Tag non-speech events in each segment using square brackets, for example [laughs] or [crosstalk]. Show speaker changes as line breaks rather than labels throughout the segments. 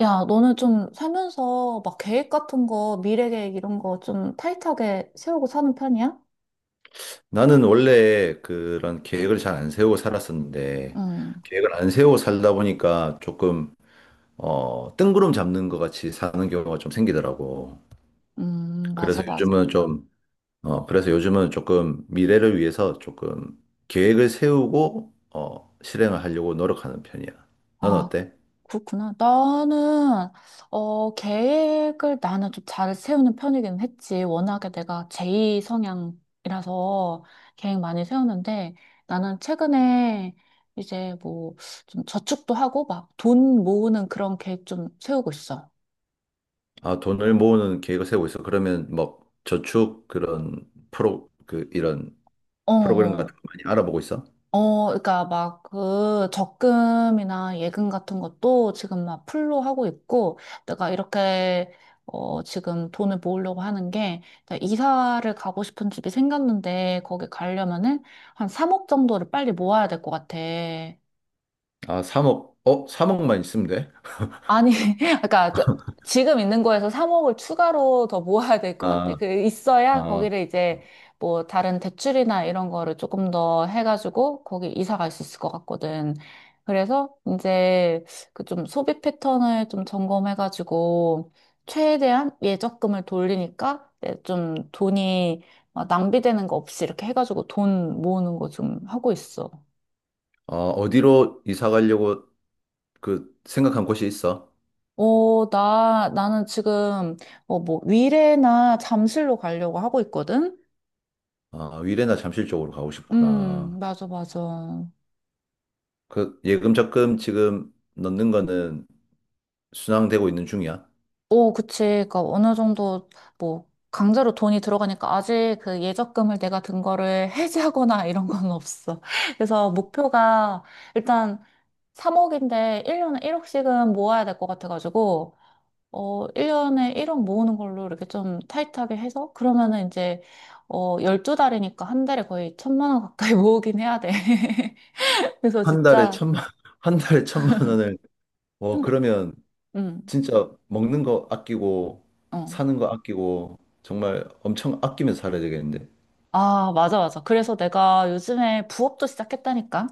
야, 너는 좀 살면서 막 계획 같은 거, 미래 계획 이런 거 좀 타이트하게 세우고 사는 편이야?
나는 원래 그런 계획을 잘 안 세우고 살았었는데,
음,
계획을 안 세우고 살다 보니까 조금, 뜬구름 잡는 것 같이 사는 경우가 좀 생기더라고.
맞아,
그래서
맞아.
요즘은 좀, 그래서 요즘은 조금 미래를 위해서 조금 계획을 세우고, 실행을 하려고 노력하는 편이야. 넌
아,
어때?
그렇구나. 나는, 계획을 나는 좀 잘 세우는 편이긴 했지. 워낙에 내가 제2 성향이라서 계획 많이 세우는데 나는 최근에 이제 뭐 좀 저축도 하고 막 돈 모으는 그런 계획 좀 세우고 있어.
아, 돈을 모으는 계획을 세우고 있어. 그러면 뭐 저축 이런
어,
프로그램 같은
어.
거 많이 알아보고 있어?
그러니까 막 그 적금이나 예금 같은 것도 지금 막 풀로 하고 있고 내가 이렇게 지금 돈을 모으려고 하는 게 나 이사를 가고 싶은 집이 생겼는데 거기 가려면은 한 3억 정도를 빨리 모아야 될 것 같아.
아, 3억, 3억만 있으면 돼?
아니, [laughs] 그러니까 지금 있는 거에서 3억을 추가로 더 모아야 될 것 같아.
아,
그 있어야
아,
거기를 이제 뭐 다른 대출이나 이런 거를 조금 더 해가지고 거기 이사 갈 수 있을 것 같거든. 그래서 이제 그 좀 소비 패턴을 좀 점검해가지고 최대한 예적금을 돌리니까 이제 좀 돈이 막 낭비되는 거 없이 이렇게 해가지고 돈 모으는 거 좀 하고 있어.
어디로 이사 가려고 그 생각한 곳이 있어?
나는 지금, 위례나 잠실로 가려고 하고 있거든?
아, 위례나 잠실 쪽으로 가고 싶구나.
맞아, 맞아.
그 예금 적금 지금 넣는 거는 순항되고 있는 중이야?
오, 그치. 그러니까 어느 정도, 뭐, 강제로 돈이 들어가니까 아직 그 예적금을 내가 든 거를 [laughs] 해지하거나 이런 건 없어. 그래서 목표가 일단 3억인데 1년에 1억씩은 모아야 될 것 같아가지고, 1년에 1억 모으는 걸로 이렇게 좀 타이트하게 해서, 그러면은 이제, 12달이니까 한 달에 거의 1,000만 원 가까이 [laughs] 모으긴 해야 돼. [laughs] 그래서
한 달에
진짜,
천만, [laughs] 한 달에 천만 원을, 그러면
응,
진짜 먹는 거 아끼고,
어.
사는 거 아끼고, 정말 엄청 아끼면서 살아야 되겠는데.
아, 맞아, 맞아. 그래서 내가 요즘에 부업도 시작했다니까?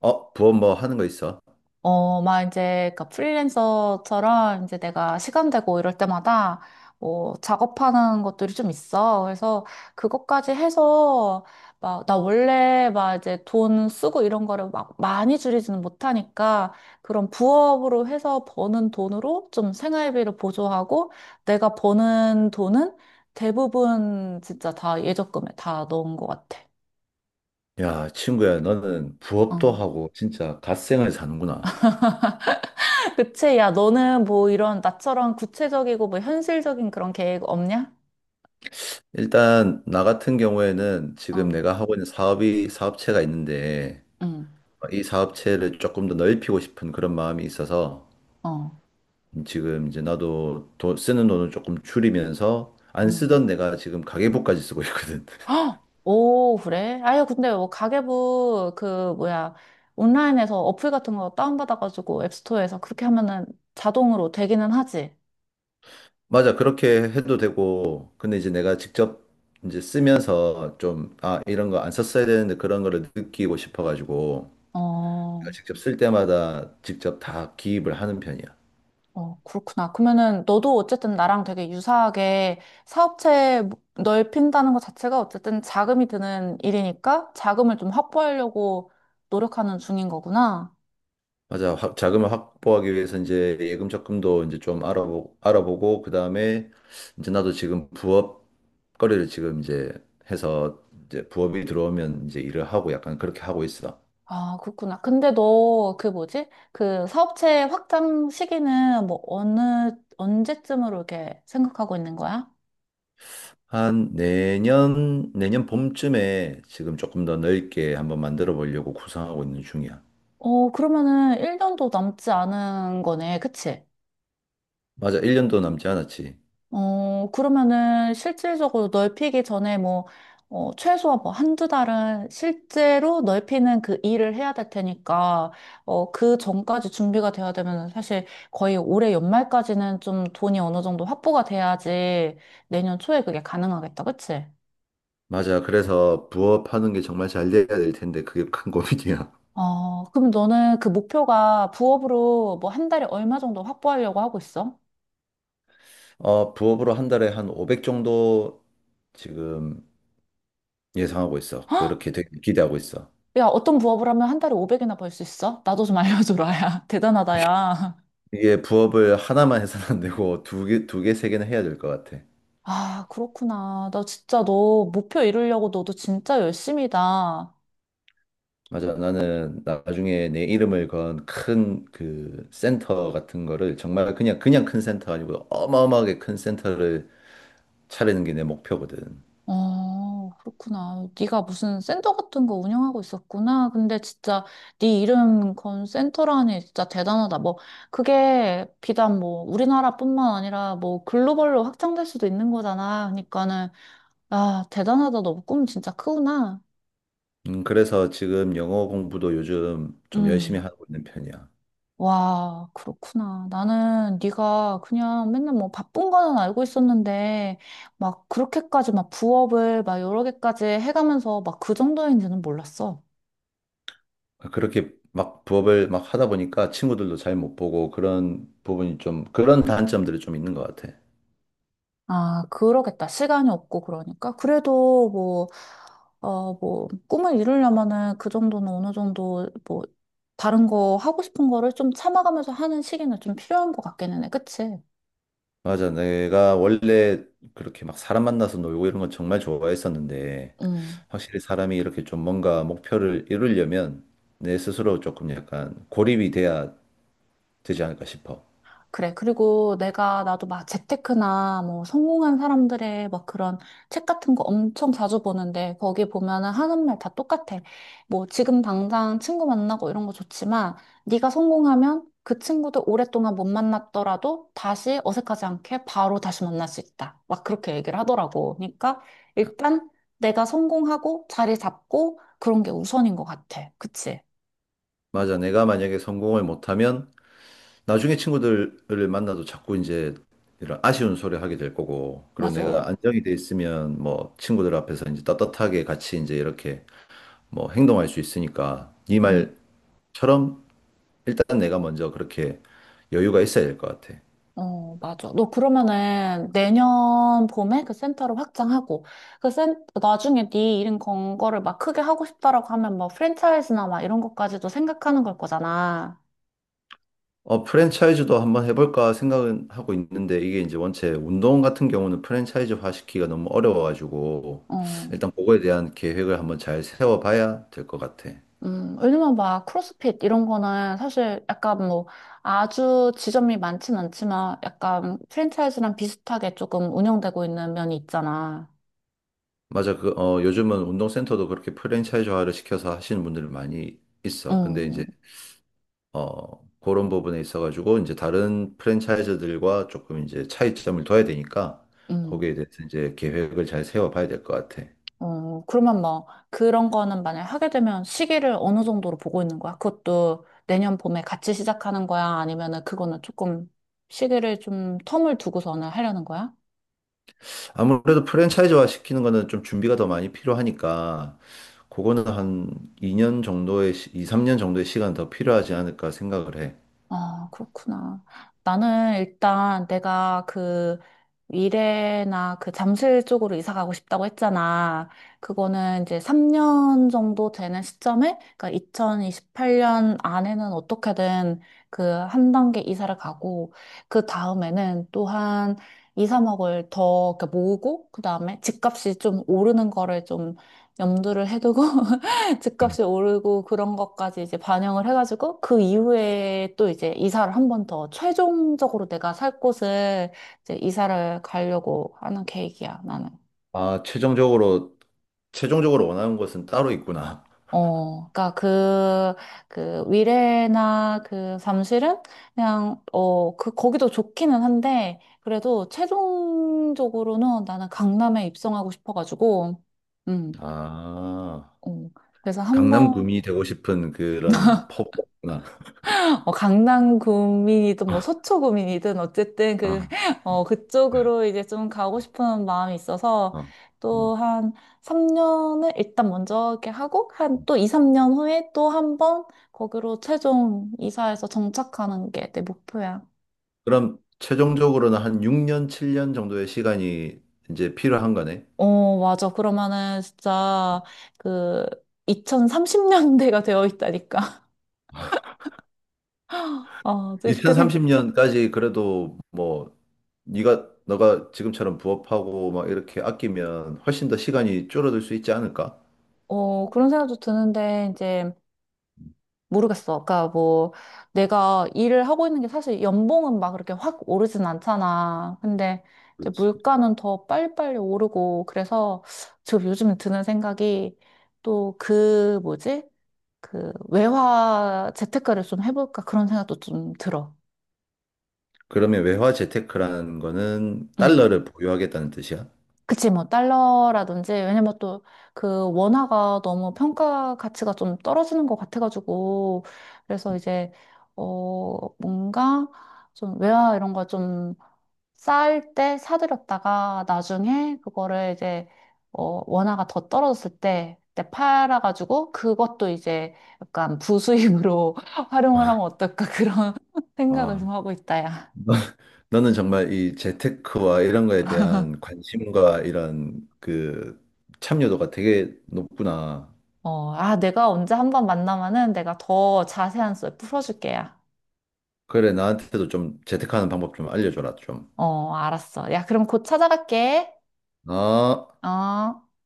부업 뭐 하는 거 있어?
막 이제, 그 프리랜서처럼 이제 내가 시간 되고 이럴 때마다 뭐 작업하는 것들이 좀 있어. 그래서 그것까지 해서 막, 나 원래 막 이제 돈 쓰고 이런 거를 막 많이 줄이지는 못하니까 그런 부업으로 해서 버는 돈으로 좀 생활비를 보조하고 내가 버는 돈은 대부분 진짜 다 예적금에 다 넣은 것 같아.
야, 친구야, 너는 부업도
응.
하고, 진짜 갓생활 사는구나.
그치? 야, 너는 뭐 이런 나처럼 구체적이고 뭐 현실적인 그런 계획 없냐?
일단 나 같은 경우에는 지금
어,
내가 하고 있는 사업이 사업체가 있는데
응,
이 사업체를 조금 더 넓히고 싶은 그런 마음이 있어서
어,
지금 이제 나도 쓰는 돈을 조금 줄이면서 안
응.
쓰던 내가 지금 가계부까지 쓰고 있거든. [laughs]
헉! 오, 그래? 아유, 근데 뭐 가계부 그 뭐야 온라인에서 어플 같은 거 다운받아가지고 앱스토어에서 그렇게 하면은 자동으로 되기는 하지.
맞아, 그렇게 해도 되고 근데 이제 내가 직접 이제 쓰면서 좀 아, 이런 거 안 썼어야 되는데 그런 거를 느끼고 싶어가지고 내가
어,
직접 쓸 때마다 직접 다 기입을 하는 편이야.
어, 그렇구나. 그러면은 너도 어쨌든 나랑 되게 유사하게 사업체 뭐 넓힌다는 것 자체가 어쨌든 자금이 드는 일이니까 자금을 좀 확보하려고 노력하는 중인 거구나.
맞아. 자금을 확보하기 위해서 이제 예금 적금도 이제 좀 알아보고, 그 다음에 이제 나도 지금 부업 거래를 지금 이제 해서 이제 부업이 들어오면 이제 일을 하고 약간 그렇게 하고 있어.
아, 그렇구나. 근데 너 그 뭐지? 그 사업체 확장 시기는 뭐 언제쯤으로 이렇게 생각하고 있는 거야?
한 내년 봄쯤에 지금 조금 더 넓게 한번 만들어 보려고 구상하고 있는 중이야.
그러면은 1년도 남지 않은 거네. 그치?
맞아. 1년도 남지 않았지.
그러면은 실질적으로 넓히기 전에 뭐, 최소한 뭐 한두 달은 실제로 넓히는 그 일을 해야 될 테니까, 그 전까지 준비가 돼야 되면 사실 거의 올해 연말까지는 좀 돈이 어느 정도 확보가 돼야지 내년 초에 그게 가능하겠다. 그치?
맞아. 그래서 부업하는 게 정말 잘 돼야 될 텐데 그게 큰 고민이야.
그럼 너는 그 목표가 부업으로 뭐 한 달에 얼마 정도 확보하려고 하고 있어?
부업으로 한 달에 한 500 정도 지금 예상하고 있어. 그렇게 되게 기대하고 있어.
야, 어떤 부업을 하면 한 달에 500이나 벌 수 있어? 나도 좀 알려줘라, 야. [laughs] 대단하다, 야.
이게 부업을 하나만 해서는 안 되고 두 개, 세 개는 해야 될 것 같아.
아, 그렇구나. 나 진짜 너 목표 이루려고 너도 진짜 열심이다.
맞아. 나는 나중에 내 이름을 건 큰 그 센터 같은 거를 정말 그냥 그냥 큰 센터 아니고 어마어마하게 큰 센터를 차리는 게 내 목표거든.
그렇구나. 네가 무슨 센터 같은 거 운영하고 있었구나. 근데 진짜 네 이름 건 센터라니 진짜 대단하다. 뭐 그게 비단 뭐 우리나라뿐만 아니라 뭐 글로벌로 확장될 수도 있는 거잖아. 그러니까는 아, 대단하다. 너 꿈 진짜 크구나.
그래서 지금 영어 공부도 요즘 좀
음.
열심히 하고 있는 편이야.
와, 그렇구나. 나는 네가 그냥 맨날 뭐 바쁜 거는 알고 있었는데 막 그렇게까지 막 부업을 막 여러 개까지 해가면서 막 그 정도인지는 몰랐어.
그렇게 막 부업을 막 하다 보니까 친구들도 잘 못 보고 그런 부분이 좀 그런 단점들이 좀 있는 것 같아.
아, 그러겠다. 시간이 없고 그러니까. 그래도 뭐, 뭐, 꿈을 이루려면은 그 정도는 어느 정도 뭐, 다른 거 하고 싶은 거를 좀 참아가면서 하는 시기는 좀 필요한 것 같기는 해. 그치?
맞아. 내가 원래 그렇게 막 사람 만나서 놀고 이런 건 정말 좋아했었는데,
응.
확실히 사람이 이렇게 좀 뭔가 목표를 이루려면 내 스스로 조금 약간 고립이 돼야 되지 않을까 싶어.
그래. 그리고 나도 막 재테크나 뭐 성공한 사람들의 막 그런 책 같은 거 엄청 자주 보는데 거기 보면은 하는 말 다 똑같아. 뭐 지금 당장 친구 만나고 이런 거 좋지만 네가 성공하면 그 친구도 오랫동안 못 만났더라도 다시 어색하지 않게 바로 다시 만날 수 있다. 막 그렇게 얘기를 하더라고. 그러니까 일단 내가 성공하고 자리 잡고 그런 게 우선인 것 같아. 그치?
맞아. 내가 만약에 성공을 못하면 나중에 친구들을 만나도 자꾸 이제 이런 아쉬운 소리 하게 될 거고, 그리고 내가
맞아.
안정이 돼 있으면 뭐 친구들 앞에서 이제 떳떳하게 같이 이제 이렇게 뭐 행동할 수 있으니까, 네
응.
말처럼 일단 내가 먼저 그렇게 여유가 있어야 될 것 같아.
맞아. 너 그러면은 내년 봄에 그 센터를 확장하고, 나중에 네 이런 건 거를 막 크게 하고 싶다라고 하면 뭐 프랜차이즈나 막 이런 것까지도 생각하는 걸 거잖아.
프랜차이즈도 한번 해볼까 생각은 하고 있는데 이게 이제 원체 운동 같은 경우는 프랜차이즈화 시키기가 너무 어려워가지고
어,
일단 그거에 대한 계획을 한번 잘 세워봐야 될 것 같아.
왜냐면 막 크로스핏 이런 거는 사실 약간 뭐 아주 지점이 많진 않지만 약간 프랜차이즈랑 비슷하게 조금 운영되고 있는 면이 있잖아.
맞아. 요즘은 운동센터도 그렇게 프랜차이즈화를 시켜서 하시는 분들이 많이 있어. 근데
음,
이제, 그런 부분에 있어가지고 이제 다른 프랜차이즈들과 조금 이제 차이점을 둬야 되니까
음.
거기에 대해서 이제 계획을 잘 세워봐야 될 것 같아.
그러면 뭐, 그런 거는 만약에 하게 되면 시기를 어느 정도로 보고 있는 거야? 그것도 내년 봄에 같이 시작하는 거야? 아니면은 그거는 조금 시기를 좀 텀을 두고서는 하려는 거야?
아무래도 프랜차이즈화 시키는 거는 좀 준비가 더 많이 필요하니까, 그거는 한 2년 정도의, 2, 3년 정도의 시간 더 필요하지 않을까 생각을 해.
아, 그렇구나. 나는 일단 내가 그 미래나 그 잠실 쪽으로 이사 가고 싶다고 했잖아. 그거는 이제 3년 정도 되는 시점에, 그러니까 2028년 안에는 어떻게든 그 한 단계 이사를 가고, 그 다음에는 또한 2, 3억을 더 이렇게 모으고, 그 다음에 집값이 좀 오르는 거를 좀 염두를 해두고, 집값이 오르고 그런 것까지 이제 반영을 해가지고 그 이후에 또 이제 이사를 한번 더 최종적으로 내가 살 곳을 이제 이사를 가려고 하는 계획이야, 나는.
아, 최종적으로, 원하는 것은 따로 있구나.
그러니까 그, 위례나 그 잠실은 그냥 그 거기도 좋기는 한데 그래도 최종적으로는 나는 강남에 입성하고 싶어가지고 음,
아,
어, 그래서 한번
강남구미 되고 싶은 그런 포부구나.
강남 구민이든
[laughs]
뭐
아,
서초 구민이든 어쨌든 그,
아,
[laughs]
아.
그쪽으로 이제 좀 가고 싶은 마음이 있어서
아, 아,
또
아.
한 3년을 일단 먼저 이렇게 하고 한 또 2, 3년 후에 또 한번 거기로 최종 이사해서 정착하는 게 내 목표야.
그럼 최종적으로는 한 6년, 7년 정도의 시간이 이제 필요한 거네.
맞아. 그러면은 진짜 그 2030년대가 되어 있다니까. [laughs] 어, 또 이렇게 생,
2030년까지 그래도 뭐 네가 너가 지금처럼 부업하고 막 이렇게 아끼면 훨씬 더 시간이 줄어들 수 있지 않을까?
어, 그런 생각도 드는데, 이제 모르겠어. 그러니까 뭐 내가 일을 하고 있는 게 사실 연봉은 막 그렇게 확 오르진 않잖아. 근데 이제
그렇지.
물가는 더 빨리빨리 오르고 그래서 지금 요즘 드는 생각이 또 그 뭐지? 그 외화 재테크를 좀 해볼까 그런 생각도 좀 들어.
그러면 외화 재테크라는 거는
응.
달러를 보유하겠다는 뜻이야.
그치, 뭐, 달러라든지, 왜냐면 또, 그, 원화가 너무 평가 가치가 좀 떨어지는 것 같아가지고, 그래서 이제, 뭔가, 좀, 외화 이런 거 좀, 쌓을 때 사들였다가, 나중에 그거를 이제, 원화가 더 떨어졌을 때, 그때 팔아가지고, 그것도 이제, 약간 부수입으로 [laughs] 활용을 하면 어떨까, 그런 [laughs] 생각을 좀
아,
하고 있다, 야.
[laughs] 너는 정말 이 재테크와 이런 거에 대한 관심과 이런 그 참여도가 되게 높구나.
내가 언제 한번 만나면은 내가 더 자세한 썰 풀어줄게야.
그래, 나한테도 좀 재테크하는 방법 좀 알려줘라, 좀.
알았어. 야, 그럼 곧 찾아갈게.
아.
어.